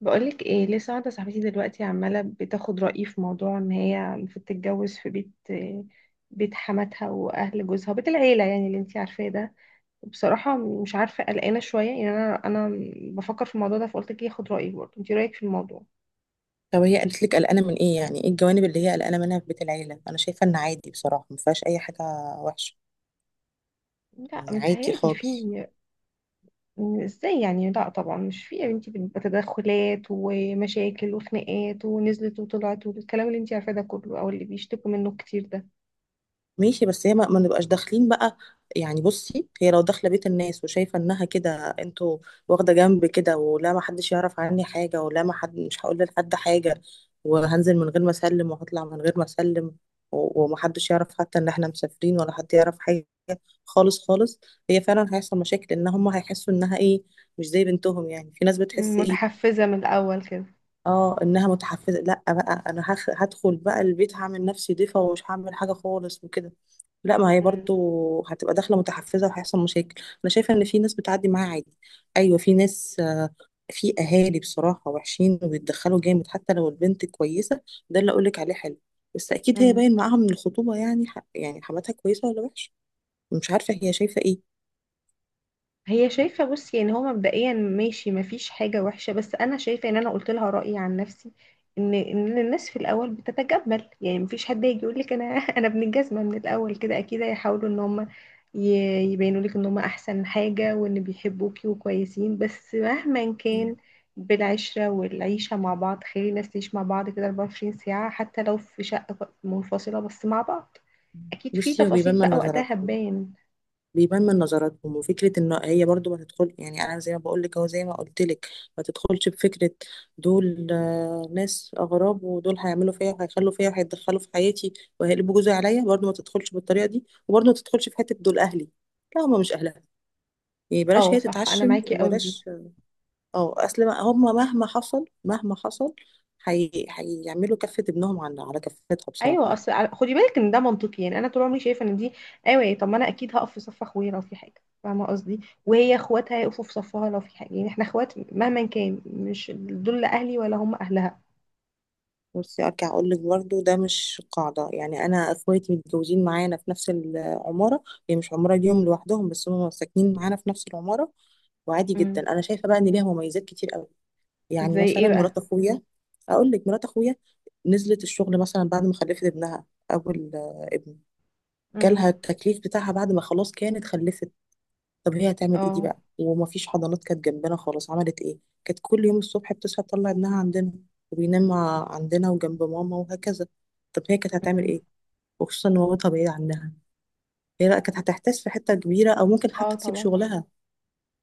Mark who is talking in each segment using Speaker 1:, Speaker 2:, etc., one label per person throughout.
Speaker 1: بقولك ايه؟ لسه واحدة صاحبتي دلوقتي عمالة بتاخد رأيي في موضوع ان هي المفروض تتجوز في بيت حماتها واهل جوزها، بيت العيلة يعني، اللي انتي عارفاه ده. وبصراحة مش عارفة، قلقانة شوية يعني، انا بفكر في الموضوع ده، فقلت لك اخد رأيك برضه، انتي رأيك في الموضوع؟
Speaker 2: طب هي قالت لك قلقانه من ايه؟ يعني ايه الجوانب اللي هي قلقانه منها في بيت العيله؟ انا شايفه ان عادي، بصراحه ما فيهاش اي حاجه وحشه،
Speaker 1: لا،
Speaker 2: يعني عادي
Speaker 1: متهيألي في.
Speaker 2: خالص.
Speaker 1: ازاي يعني؟ لا طبعا مش في يا بنتي، بتبقى تدخلات ومشاكل وخناقات، ونزلت وطلعت، والكلام اللي انتي عارفاه ده كله، او اللي بيشتكوا منه كتير ده.
Speaker 2: ماشي، بس هي ما نبقاش داخلين بقى. يعني بصي، هي لو داخله بيت الناس وشايفه انها كده انتوا واخده جنب كده، ولا ما حدش يعرف عني حاجه، ولا ما حد، مش هقول لحد حاجه، وهنزل من غير ما اسلم، وهطلع من غير ما اسلم، ومحدش يعرف حتى ان احنا مسافرين ولا حد يعرف حاجه خالص خالص. هي فعلا هيحصل مشاكل ان هم هيحسوا انها ايه، مش زي بنتهم. يعني في ناس بتحس ايه،
Speaker 1: متحفزة من الأول كده.
Speaker 2: اه، انها متحفزه. لا بقى، انا هدخل بقى البيت، هعمل نفسي ضيفه ومش هعمل حاجه خالص وكده. لا، ما هي
Speaker 1: مم.
Speaker 2: برضو هتبقى داخله متحفزه وهيحصل مشاكل. انا شايفه ان في ناس بتعدي معاها عادي. ايوه، في ناس، في اهالي بصراحه وحشين وبيتدخلوا جامد حتى لو البنت كويسه. ده اللي اقولك عليه حلو. بس اكيد هي
Speaker 1: مم.
Speaker 2: باين معاها من الخطوبه، يعني يعني حماتها كويسه ولا وحشه. مش عارفه هي شايفه ايه.
Speaker 1: هي شايفة، بص يعني، هو مبدئيا ماشي، مفيش حاجة وحشة، بس أنا شايفة إن أنا قلت لها رأيي عن نفسي، إن الناس في الأول بتتجمل، يعني مفيش حد يجي يقول لك أنا أنا ابن الجزمة من الأول كده، أكيد هيحاولوا إن هم يبينوا لك إن هم أحسن حاجة، وإن بيحبوكي وكويسين، بس مهما كان
Speaker 2: مم.
Speaker 1: بالعشرة والعيشة مع بعض، خلي الناس تعيش مع بعض كده 24 ساعة، حتى لو في شقة منفصلة، بس مع بعض. أكيد في
Speaker 2: بصي، هو بيبان
Speaker 1: تفاصيل
Speaker 2: من
Speaker 1: بقى وقتها
Speaker 2: نظراتها،
Speaker 1: هتبان.
Speaker 2: بيبان من نظراتهم. وفكره ان هي برضو ما تدخل، يعني انا زي ما بقول لك او زي ما قلت لك، ما تدخلش بفكره دول ناس اغراب، ودول هيعملوا فيا وهيخلوا فيا وهيتدخلوا في حياتي وهيقلبوا جوزي عليا. برضو ما تدخلش بالطريقه دي، وبرضو ما تدخلش في حته دول اهلي. لا، هم مش اهلها. يعني بلاش
Speaker 1: اه
Speaker 2: هي
Speaker 1: صح، أنا
Speaker 2: تتعشم،
Speaker 1: معاكي أوي في دي.
Speaker 2: وبلاش. اه، اصل هم، مهما حصل مهما حصل، هيعملوا كفه ابنهم على كفتها
Speaker 1: ايوه،
Speaker 2: بصراحه.
Speaker 1: اصل خدي بالك ان ده منطقي، يعني انا طول عمري شايفه ان دي. ايوه، طب ما انا اكيد هقف في صف اخويا لو في حاجه، فاهمه قصدي؟ وهي اخواتها هيقفوا في صفها لو في حاجه، يعني احنا اخوات مهما كان، مش دول لا اهلي ولا هم اهلها.
Speaker 2: بصي، ارجع اقول لك برضه، ده مش قاعده. يعني انا اخواتي متجوزين معانا في نفس العماره، هي مش عماره ليهم لوحدهم، بس هم ساكنين معانا في نفس العماره. وعادي جدا.
Speaker 1: امم.
Speaker 2: انا شايفه بقى ان ليها مميزات كتير قوي. يعني
Speaker 1: زي ايه
Speaker 2: مثلا
Speaker 1: بقى؟
Speaker 2: مرات اخويا، اقول لك مرات اخويا نزلت الشغل مثلا بعد ما خلفت ابنها، اول ابن، جالها
Speaker 1: امم.
Speaker 2: التكليف بتاعها بعد ما خلاص كانت خلفت. طب هي هتعمل ايه دي
Speaker 1: اه.
Speaker 2: بقى؟ ومفيش حضانات كانت جنبنا خالص. عملت ايه؟ كانت كل يوم الصبح بتصحى تطلع ابنها عندنا، وبينام عندنا وجنب ماما وهكذا. طب هي كانت هتعمل ايه؟
Speaker 1: امم.
Speaker 2: وخصوصا ان مامتها بعيدة عنها، هي بقى كانت هتحتاس في حتة كبيرة، او ممكن
Speaker 1: اه
Speaker 2: حتى تسيب
Speaker 1: طبعا.
Speaker 2: شغلها.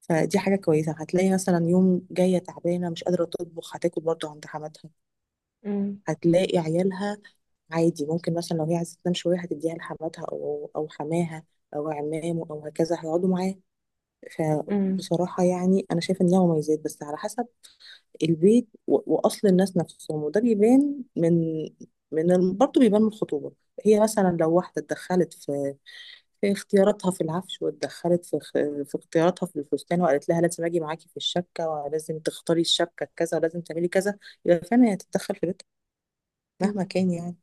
Speaker 2: فدي حاجة كويسة. هتلاقي مثلا يوم جاية تعبانة مش قادرة تطبخ، هتاكل برضه عند حماتها.
Speaker 1: امم.
Speaker 2: هتلاقي عيالها عادي. ممكن مثلا لو هي عايزة تنام شوية هتديها لحماتها او حماها او عمامه او هكذا، هيقعدوا معاه.
Speaker 1: امم.
Speaker 2: فبصراحة، يعني أنا شايفة إن ليها مميزات، بس على حسب البيت وأصل الناس نفسهم. وده بيبان من برضه بيبان من الخطوبة. هي مثلا لو واحدة اتدخلت في اختياراتها في العفش، واتدخلت في في اختياراتها في الفستان، وقالت لها لازم أجي معاكي في الشبكة، ولازم تختاري الشبكة كذا، ولازم تعملي كذا، يبقى فعلا هي تتدخل في بيتها، مهما
Speaker 1: امم.
Speaker 2: كان يعني.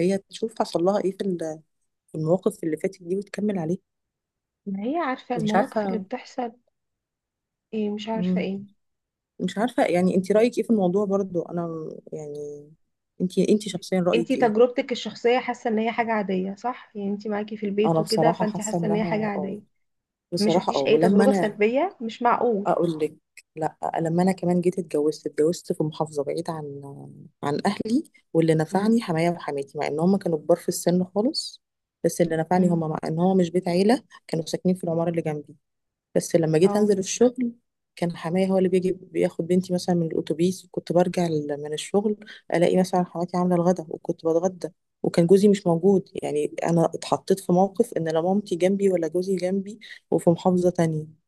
Speaker 2: هي تشوف حصل لها إيه في في المواقف اللي فاتت دي، وتكمل عليه.
Speaker 1: ما هي عارفه
Speaker 2: مش
Speaker 1: المواقف اللي
Speaker 2: عارفة.
Speaker 1: بتحصل. ايه مش عارفه
Speaker 2: مم.
Speaker 1: ايه؟
Speaker 2: مش عارفة. يعني انت رأيك ايه في الموضوع؟ برضو انا يعني انت، انت شخصيا
Speaker 1: انتي
Speaker 2: رأيك ايه؟
Speaker 1: تجربتك الشخصيه حاسه ان هي حاجه عاديه صح؟ يعني انتي معاكي في البيت
Speaker 2: انا
Speaker 1: وكده،
Speaker 2: بصراحة
Speaker 1: فانتي
Speaker 2: حاسة
Speaker 1: حاسه ان هي
Speaker 2: انها
Speaker 1: حاجه
Speaker 2: اه،
Speaker 1: عاديه. ما
Speaker 2: بصراحة اه،
Speaker 1: شفتيش اي
Speaker 2: ولما
Speaker 1: تجربة
Speaker 2: انا
Speaker 1: سلبية؟ مش معقول.
Speaker 2: اقول لك، لا، لما انا كمان جيت اتجوزت، اتجوزت في محافظة بعيد عن عن اهلي. واللي نفعني
Speaker 1: مم.
Speaker 2: حمايا وحماتي، مع ان هم كانوا كبار في السن خالص. بس اللي نفعني هم،
Speaker 1: مم.
Speaker 2: مع ان هو مش بيت عيلة كانوا ساكنين في العمارة اللي جنبي. بس لما جيت
Speaker 1: اه.
Speaker 2: انزل الشغل، كان حماية هو اللي بيجي بياخد بنتي مثلا من الاتوبيس، كنت برجع من الشغل الاقي مثلا حماتي عامله الغدا وكنت بتغدى، وكان جوزي مش موجود. يعني انا اتحطيت في موقف ان لا مامتي جنبي ولا جوزي جنبي، وفي محافظة تانية.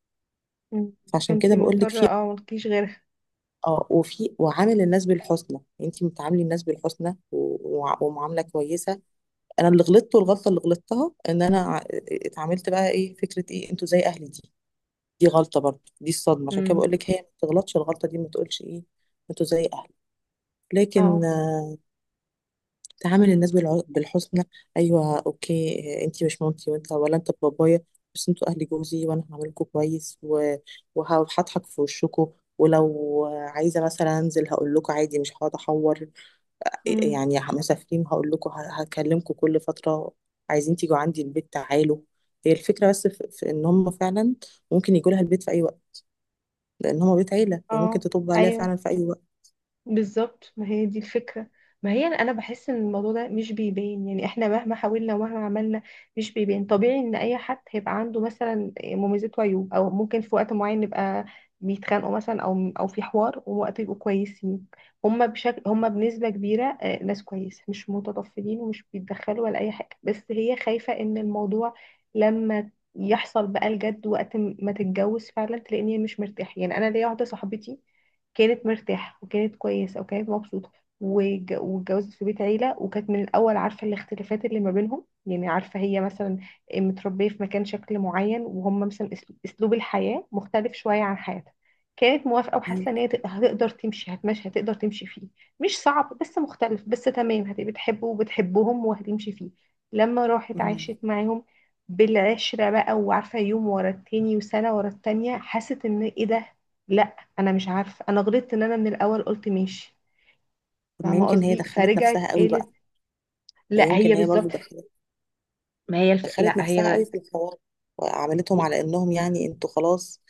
Speaker 1: مم.
Speaker 2: فعشان
Speaker 1: فانتي
Speaker 2: كده بقول لك،
Speaker 1: مضطرة،
Speaker 2: في،
Speaker 1: اه، ملكيش غيرها.
Speaker 2: اه، وفي، وعامل الناس بالحسنى. انت بتعاملي الناس بالحسنى ومعاملة كويسة. انا اللي غلطت، والغلطة اللي غلطتها ان انا اتعاملت بقى ايه، فكرة ايه انتوا زي اهلي دي. دي غلطة برضه، دي الصدمة. عشان كده
Speaker 1: مم.
Speaker 2: بقول لك هي ما تغلطش الغلطة دي، ما تقولش ايه انتوا زي اهلك.
Speaker 1: اه.
Speaker 2: لكن تعامل الناس بالحسنى. ايوه، اوكي، انتي مش مامتي، وانت ولا انت بابايا، بس انتوا اهل جوزي وانا هعاملكوا كويس، وهضحك في وشكوا. ولو عايزة مثلا انزل هقول لكم عادي، مش هقعد احور.
Speaker 1: مم.
Speaker 2: يعني مسافرين هقول لكم، هكلمكم كل فترة. عايزين تيجوا عندي البيت، تعالوا. هي الفكرة بس في ان هم فعلا ممكن يجوا لها البيت في اي وقت، لان هما بيت عيله. هي ممكن
Speaker 1: اه.
Speaker 2: تطب عليها
Speaker 1: ايوه
Speaker 2: فعلا في اي وقت.
Speaker 1: بالظبط، ما هي دي الفكرة. ما هي انا بحس ان الموضوع ده مش بيبان، يعني احنا مهما حاولنا ومهما عملنا مش بيبان. طبيعي ان اي حد هيبقى عنده مثلا مميزات وعيوب، او ممكن في وقت معين نبقى بيتخانقوا مثلا، او في حوار ووقت يبقوا كويسين. هما بنسبة كبيرة ناس كويسة، مش متطفلين ومش بيتدخلوا ولا اي حاجة، بس هي خايفة ان الموضوع لما يحصل بقى الجد، وقت ما تتجوز فعلا، تلاقيني مش مرتاحة. يعني انا ليا واحدة صاحبتي كانت مرتاحة وكانت كويسة وكانت مبسوطة، واتجوزت في بيت عيلة، وكانت من الأول عارفة الاختلافات اللي ما بينهم، يعني عارفة هي مثلا متربية في مكان شكل معين، وهم مثلا أسلوب الحياة مختلف شوية عن حياتها، كانت موافقة
Speaker 2: مم.
Speaker 1: وحاسة إن هي هتقدر تمشي، هتقدر تمشي فيه، مش صعب بس مختلف، بس تمام، هتبقى بتحبه وبتحبهم وهتمشي فيه. لما راحت عاشت معاهم بالعشرة بقى، وعارفة يوم ورا التاني وسنة ورا التانية، حست إن إيه ده؟ لا، انا مش عارفه، انا غلطت ان انا من الاول قلت ماشي،
Speaker 2: طب ما
Speaker 1: فاهمه
Speaker 2: يمكن هي
Speaker 1: قصدي؟
Speaker 2: دخلت
Speaker 1: فرجعت
Speaker 2: نفسها قوي بقى.
Speaker 1: قالت
Speaker 2: هي
Speaker 1: لا،
Speaker 2: يمكن،
Speaker 1: هي
Speaker 2: هي برضه
Speaker 1: بالظبط.
Speaker 2: دخلت،
Speaker 1: ما هي الف...
Speaker 2: دخلت نفسها قوي في الحوار، وعملتهم على انهم، يعني انتوا خلاص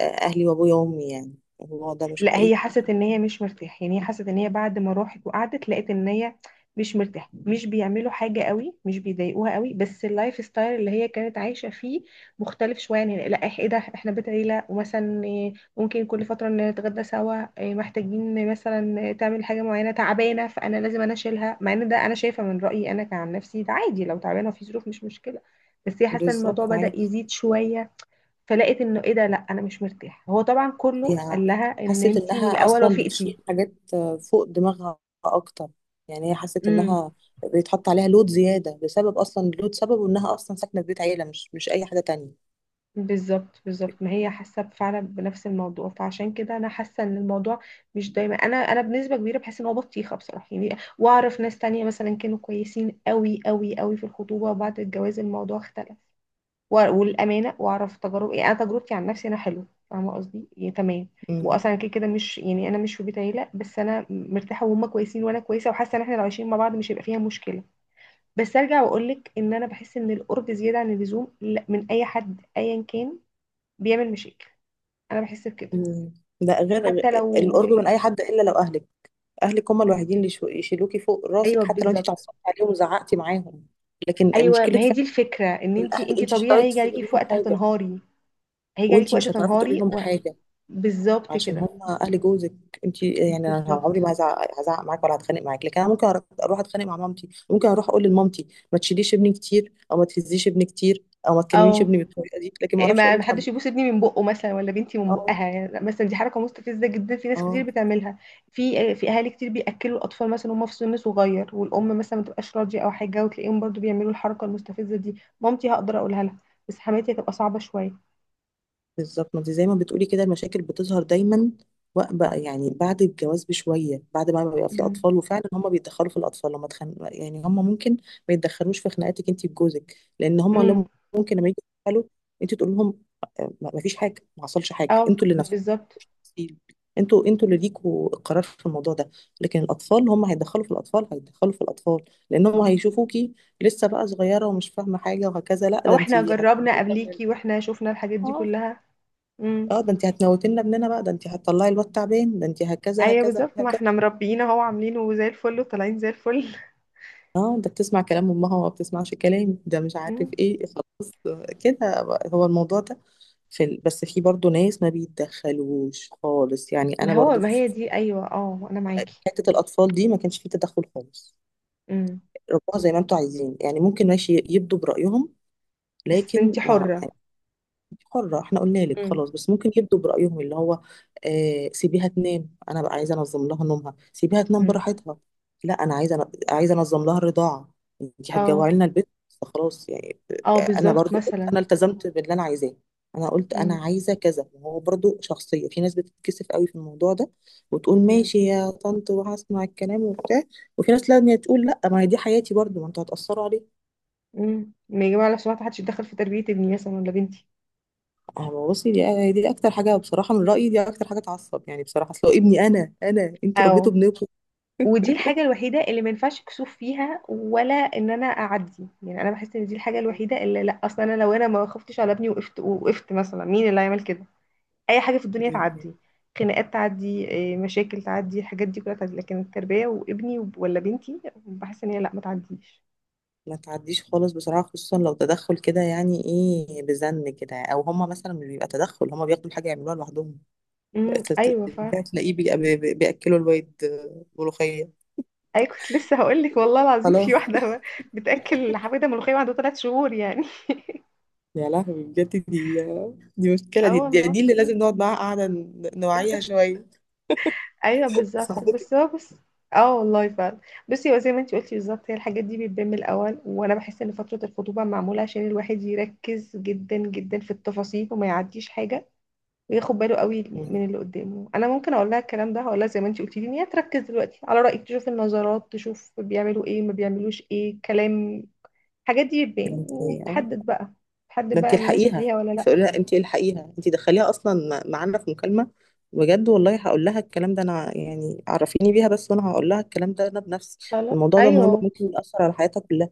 Speaker 2: اهلي وابويا وامي. يعني الموضوع ده مش
Speaker 1: لا، هي
Speaker 2: حقيقي.
Speaker 1: حست ان هي مش مرتاحه، يعني هي حست ان هي بعد ما راحت وقعدت لقيت ان هي مش مرتاحه، مش بيعملوا حاجه قوي، مش بيضايقوها قوي، بس اللايف ستايل اللي هي كانت عايشه فيه مختلف شويه، يعني لا، ايه ده؟ احنا بيت عيله، ومثلا إيه، ممكن كل فتره نتغدى سوا، إيه، محتاجين مثلا تعمل حاجه معينه، تعبانه فانا لازم انا اشيلها، مع ان ده انا شايفه من رايي انا كعن نفسي ده عادي، لو تعبانه في ظروف مش مشكله، بس هي حاسه إن الموضوع
Speaker 2: بالظبط،
Speaker 1: بدأ
Speaker 2: عادي.
Speaker 1: يزيد شويه. فلقيت انه ايه ده؟ لا انا مش مرتاح. هو طبعا كله
Speaker 2: هي
Speaker 1: قال لها ان
Speaker 2: حست
Speaker 1: انتي من
Speaker 2: انها
Speaker 1: الاول
Speaker 2: اصلا بتشيل
Speaker 1: وافقتي.
Speaker 2: حاجات فوق دماغها اكتر. يعني هي حست
Speaker 1: امم.
Speaker 2: انها بيتحط عليها لود زياده، بسبب اصلا لود سببه انها اصلا ساكنه في بيت عيله، مش اي حاجه تانية.
Speaker 1: بالظبط بالظبط، ما هي حاسه فعلا بنفس الموضوع، فعشان كده انا حاسه ان الموضوع مش دايما، انا بنسبه كبيره بحس ان هو بطيخه بصراحه، يعني واعرف ناس تانية مثلا كانوا كويسين قوي قوي قوي في الخطوبه، وبعد الجواز الموضوع اختلف، والامانه، واعرف تجارب، يعني انا تجربتي عن نفسي انا حلو، فاهمه قصدي؟ يعني تمام، واصلا كده كده مش، يعني انا مش في بيت عيله بس انا مرتاحه، وهم كويسين وانا كويسه، وحاسه ان احنا لو عايشين مع بعض مش هيبقى فيها مشكله. بس ارجع واقول لك ان انا بحس ان القرب زياده عن اللزوم من اي حد ايا كان بيعمل مشاكل. انا بحس بكده.
Speaker 2: مم. ده غير
Speaker 1: حتى لو.
Speaker 2: القرب من اي حد الا لو اهلك. اهلك هم الوحيدين اللي يشيلوكي فوق
Speaker 1: ايوه
Speaker 2: راسك حتى لو انت
Speaker 1: بالظبط.
Speaker 2: اتعصبتي عليهم وزعقتي معاهم. لكن
Speaker 1: ايوه
Speaker 2: مشكله
Speaker 1: ما هي دي
Speaker 2: فعلا،
Speaker 1: الفكره، ان انت
Speaker 2: الاهل.
Speaker 1: انت
Speaker 2: انت مش
Speaker 1: طبيعي هيجي
Speaker 2: هتعرفي
Speaker 1: عليكي
Speaker 2: تقولي
Speaker 1: في
Speaker 2: لهم
Speaker 1: وقت
Speaker 2: حاجه،
Speaker 1: هتنهاري، هيجي عليكي
Speaker 2: وانت
Speaker 1: وقت
Speaker 2: مش هتعرفي تقولي
Speaker 1: تنهاري
Speaker 2: لهم
Speaker 1: و...
Speaker 2: حاجه،
Speaker 1: بالظبط
Speaker 2: عشان
Speaker 1: كده.
Speaker 2: هم اهل جوزك. انت، يعني انا
Speaker 1: بالظبط.
Speaker 2: عمري ما هزعق معاك ولا هتخانق معاك، لكن انا ممكن اروح اتخانق مع مامتي، ممكن اروح اقول لمامتي ما تشيليش ابني كتير، او ما تهزيش ابني كتير، او ما تكلميش
Speaker 1: اه.
Speaker 2: ابني بالطريقه دي. لكن ما
Speaker 1: إيه،
Speaker 2: اعرفش اقول
Speaker 1: ما
Speaker 2: لحد.
Speaker 1: حدش يبوس ابني من بقه مثلا ولا بنتي من
Speaker 2: اه.
Speaker 1: بقها، يعني مثلا دي حركه مستفزه جدا في ناس
Speaker 2: اه،
Speaker 1: كتير بتعملها. في اهالي كتير بياكلوا الاطفال مثلا وهم في سن صغير، والام مثلا ما تبقاش راضيه او حاجه، وتلاقيهم برضو بيعملوا الحركه المستفزه دي. مامتي هقدر اقولها لها، بس حماتي هتبقى صعبه شويه.
Speaker 2: بالظبط. ما انت زي ما بتقولي كده، المشاكل بتظهر دايما، بقى يعني بعد الجواز بشويه، بعد ما بيبقى في
Speaker 1: مم.
Speaker 2: اطفال، وفعلا هم بيتدخلوا في الاطفال. لما يعني هم ممكن ما يتدخلوش في خناقاتك انت وجوزك، لان هم
Speaker 1: امم.
Speaker 2: لما، ممكن لما يجوا يتدخلوا، انت تقول لهم ما فيش حاجه، ما حصلش حاجه،
Speaker 1: اه
Speaker 2: انتوا اللي نفسكم،
Speaker 1: بالظبط.
Speaker 2: انتوا اللي ليكوا القرار في الموضوع ده. لكن الاطفال، هم هيتدخلوا في الاطفال، هيتدخلوا في الاطفال، لان هم هيشوفوكي لسه بقى صغيره ومش فاهمه حاجه وهكذا. لا،
Speaker 1: او
Speaker 2: ده انت
Speaker 1: احنا جربنا
Speaker 2: هتموتي،
Speaker 1: قبليكي واحنا شفنا الحاجات دي كلها. امم.
Speaker 2: اه، ده انت هتموتينا ابننا بقى، ده انت هتطلعي الواد تعبان، ده انت هكذا
Speaker 1: ايوه
Speaker 2: هكذا
Speaker 1: بالظبط، ما
Speaker 2: هكذا.
Speaker 1: احنا مربيين اهو، عاملينه زي الفل وطالعين زي الفل.
Speaker 2: اه، ده بتسمع كلام امها وما بتسمعش كلامي، ده مش عارف
Speaker 1: مم.
Speaker 2: ايه، خلاص كده بقى. هو الموضوع ده بس في برضو ناس ما بيتدخلوش خالص. يعني انا برضو
Speaker 1: ما
Speaker 2: في
Speaker 1: هي دي، ايوه، اه انا معاكي.
Speaker 2: حتة الاطفال دي ما كانش في تدخل خالص.
Speaker 1: مم.
Speaker 2: ربوها زي ما انتوا عايزين، يعني ممكن ماشي يبدوا برأيهم،
Speaker 1: بس
Speaker 2: لكن
Speaker 1: انتي
Speaker 2: ما،
Speaker 1: حرة.
Speaker 2: حرة، احنا قلنا لك
Speaker 1: امم.
Speaker 2: خلاص. بس ممكن يبدوا برأيهم، اللي هو سيبيها تنام، انا بقى عايزة انظم لها نومها، سيبيها تنام
Speaker 1: مم.
Speaker 2: براحتها. لا، انا عايزة، انظم لها الرضاعة. انت
Speaker 1: اه.
Speaker 2: هتجوعي لنا البيت. خلاص يعني.
Speaker 1: اه
Speaker 2: انا
Speaker 1: بالظبط
Speaker 2: برضو قلت،
Speaker 1: مثلا.
Speaker 2: انا التزمت باللي انا عايزاه. انا قلت انا
Speaker 1: مم.
Speaker 2: عايزة كذا، وهو برضو شخصية. في ناس بتتكسف قوي في الموضوع ده وتقول
Speaker 1: مم.
Speaker 2: ماشي يا طنط، وهسمع الكلام وبتاع. وفي ناس لا، إن هي تقول لا، ما هي دي حياتي، برضو ما انتوا هتأثروا عليا.
Speaker 1: مم. ما يجب على، بصراحة محدش يتدخل في تربية ابني مثلا ولا بنتي.
Speaker 2: أه، بصي، دي اكتر حاجه بصراحه من رايي، دي اكتر حاجه تعصب يعني بصراحه. اصل هو ابني انا، انتوا
Speaker 1: اه.
Speaker 2: ربيتوا ابنكم.
Speaker 1: ودي الحاجة الوحيدة اللي ما ينفعش كسوف فيها، ولا ان انا اعدي، يعني انا بحس ان دي الحاجة الوحيدة اللي لا، اصلا انا لو انا ما خفتش على ابني، وقفت مثلا، مين اللي هيعمل كده؟ اي حاجة في الدنيا تعدي، خناقات تعدي، إيه، مشاكل تعدي، الحاجات دي كلها تعدي، لكن التربية وابني ولا بنتي، بحس ان هي لا، ما تعديش.
Speaker 2: ما تعديش خالص بصراحه، خصوصا لو تدخل كده يعني ايه، بزن كده. او هما مثلا مش بيبقى تدخل، هما بياخدوا الحاجه يعملوها لوحدهم.
Speaker 1: مم.
Speaker 2: بقت-
Speaker 1: ايوه،
Speaker 2: بقى تلاقيه بياكلوا الواد ملوخيه.
Speaker 1: اي كنت لسه هقول لك، والله العظيم
Speaker 2: خلاص!
Speaker 1: في واحده بتاكل حبيبه ملوخيه وعندها 3 شهور يعني.
Speaker 2: يا لهوي، بجد دي دي مشكله.
Speaker 1: اه
Speaker 2: دي
Speaker 1: والله.
Speaker 2: دي اللي لازم نقعد معاها قاعده نوعيها شويه.
Speaker 1: ايوه بالظبط،
Speaker 2: صاحبتك
Speaker 1: بس هو بس. اه والله فعلا. بصي هو زي ما انت قلتي بالظبط، هي الحاجات دي بتبان من الاول، وانا بحس ان فتره الخطوبه معموله عشان الواحد يركز جدا جدا في التفاصيل، وما يعديش حاجه، وياخد باله قوي من اللي قدامه. انا ممكن اقول لها الكلام ده، هقول لها زي ما انت قلتي لي ان هي تركز دلوقتي على رايك، تشوف النظرات، تشوف بيعملوا ايه، ما بيعملوش ايه، كلام. الحاجات دي
Speaker 2: انت!
Speaker 1: تحدد بقى تحدد
Speaker 2: ده انت
Speaker 1: بقى مناسب
Speaker 2: الحقيها،
Speaker 1: ليها ولا لا.
Speaker 2: تقول لها انت الحقيها. انت دخليها اصلا معانا في مكالمه. بجد والله، هقول لها الكلام ده انا. يعني عرفيني بيها بس، وانا هقول لها الكلام ده انا بنفسي.
Speaker 1: خلاص.
Speaker 2: الموضوع ده مهم،
Speaker 1: ايوه.
Speaker 2: ممكن يأثر على حياتها كلها.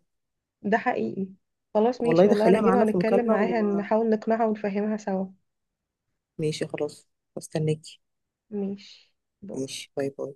Speaker 1: ده حقيقي. خلاص
Speaker 2: والله
Speaker 1: ماشي، والله انا
Speaker 2: دخليها
Speaker 1: اجيبها
Speaker 2: معانا في
Speaker 1: ونتكلم
Speaker 2: مكالمه،
Speaker 1: معاها، نحاول نقنعها ونفهمها سوا.
Speaker 2: وماشي خلاص. استناكي.
Speaker 1: ماشي. بو.
Speaker 2: ماشي، باي باي.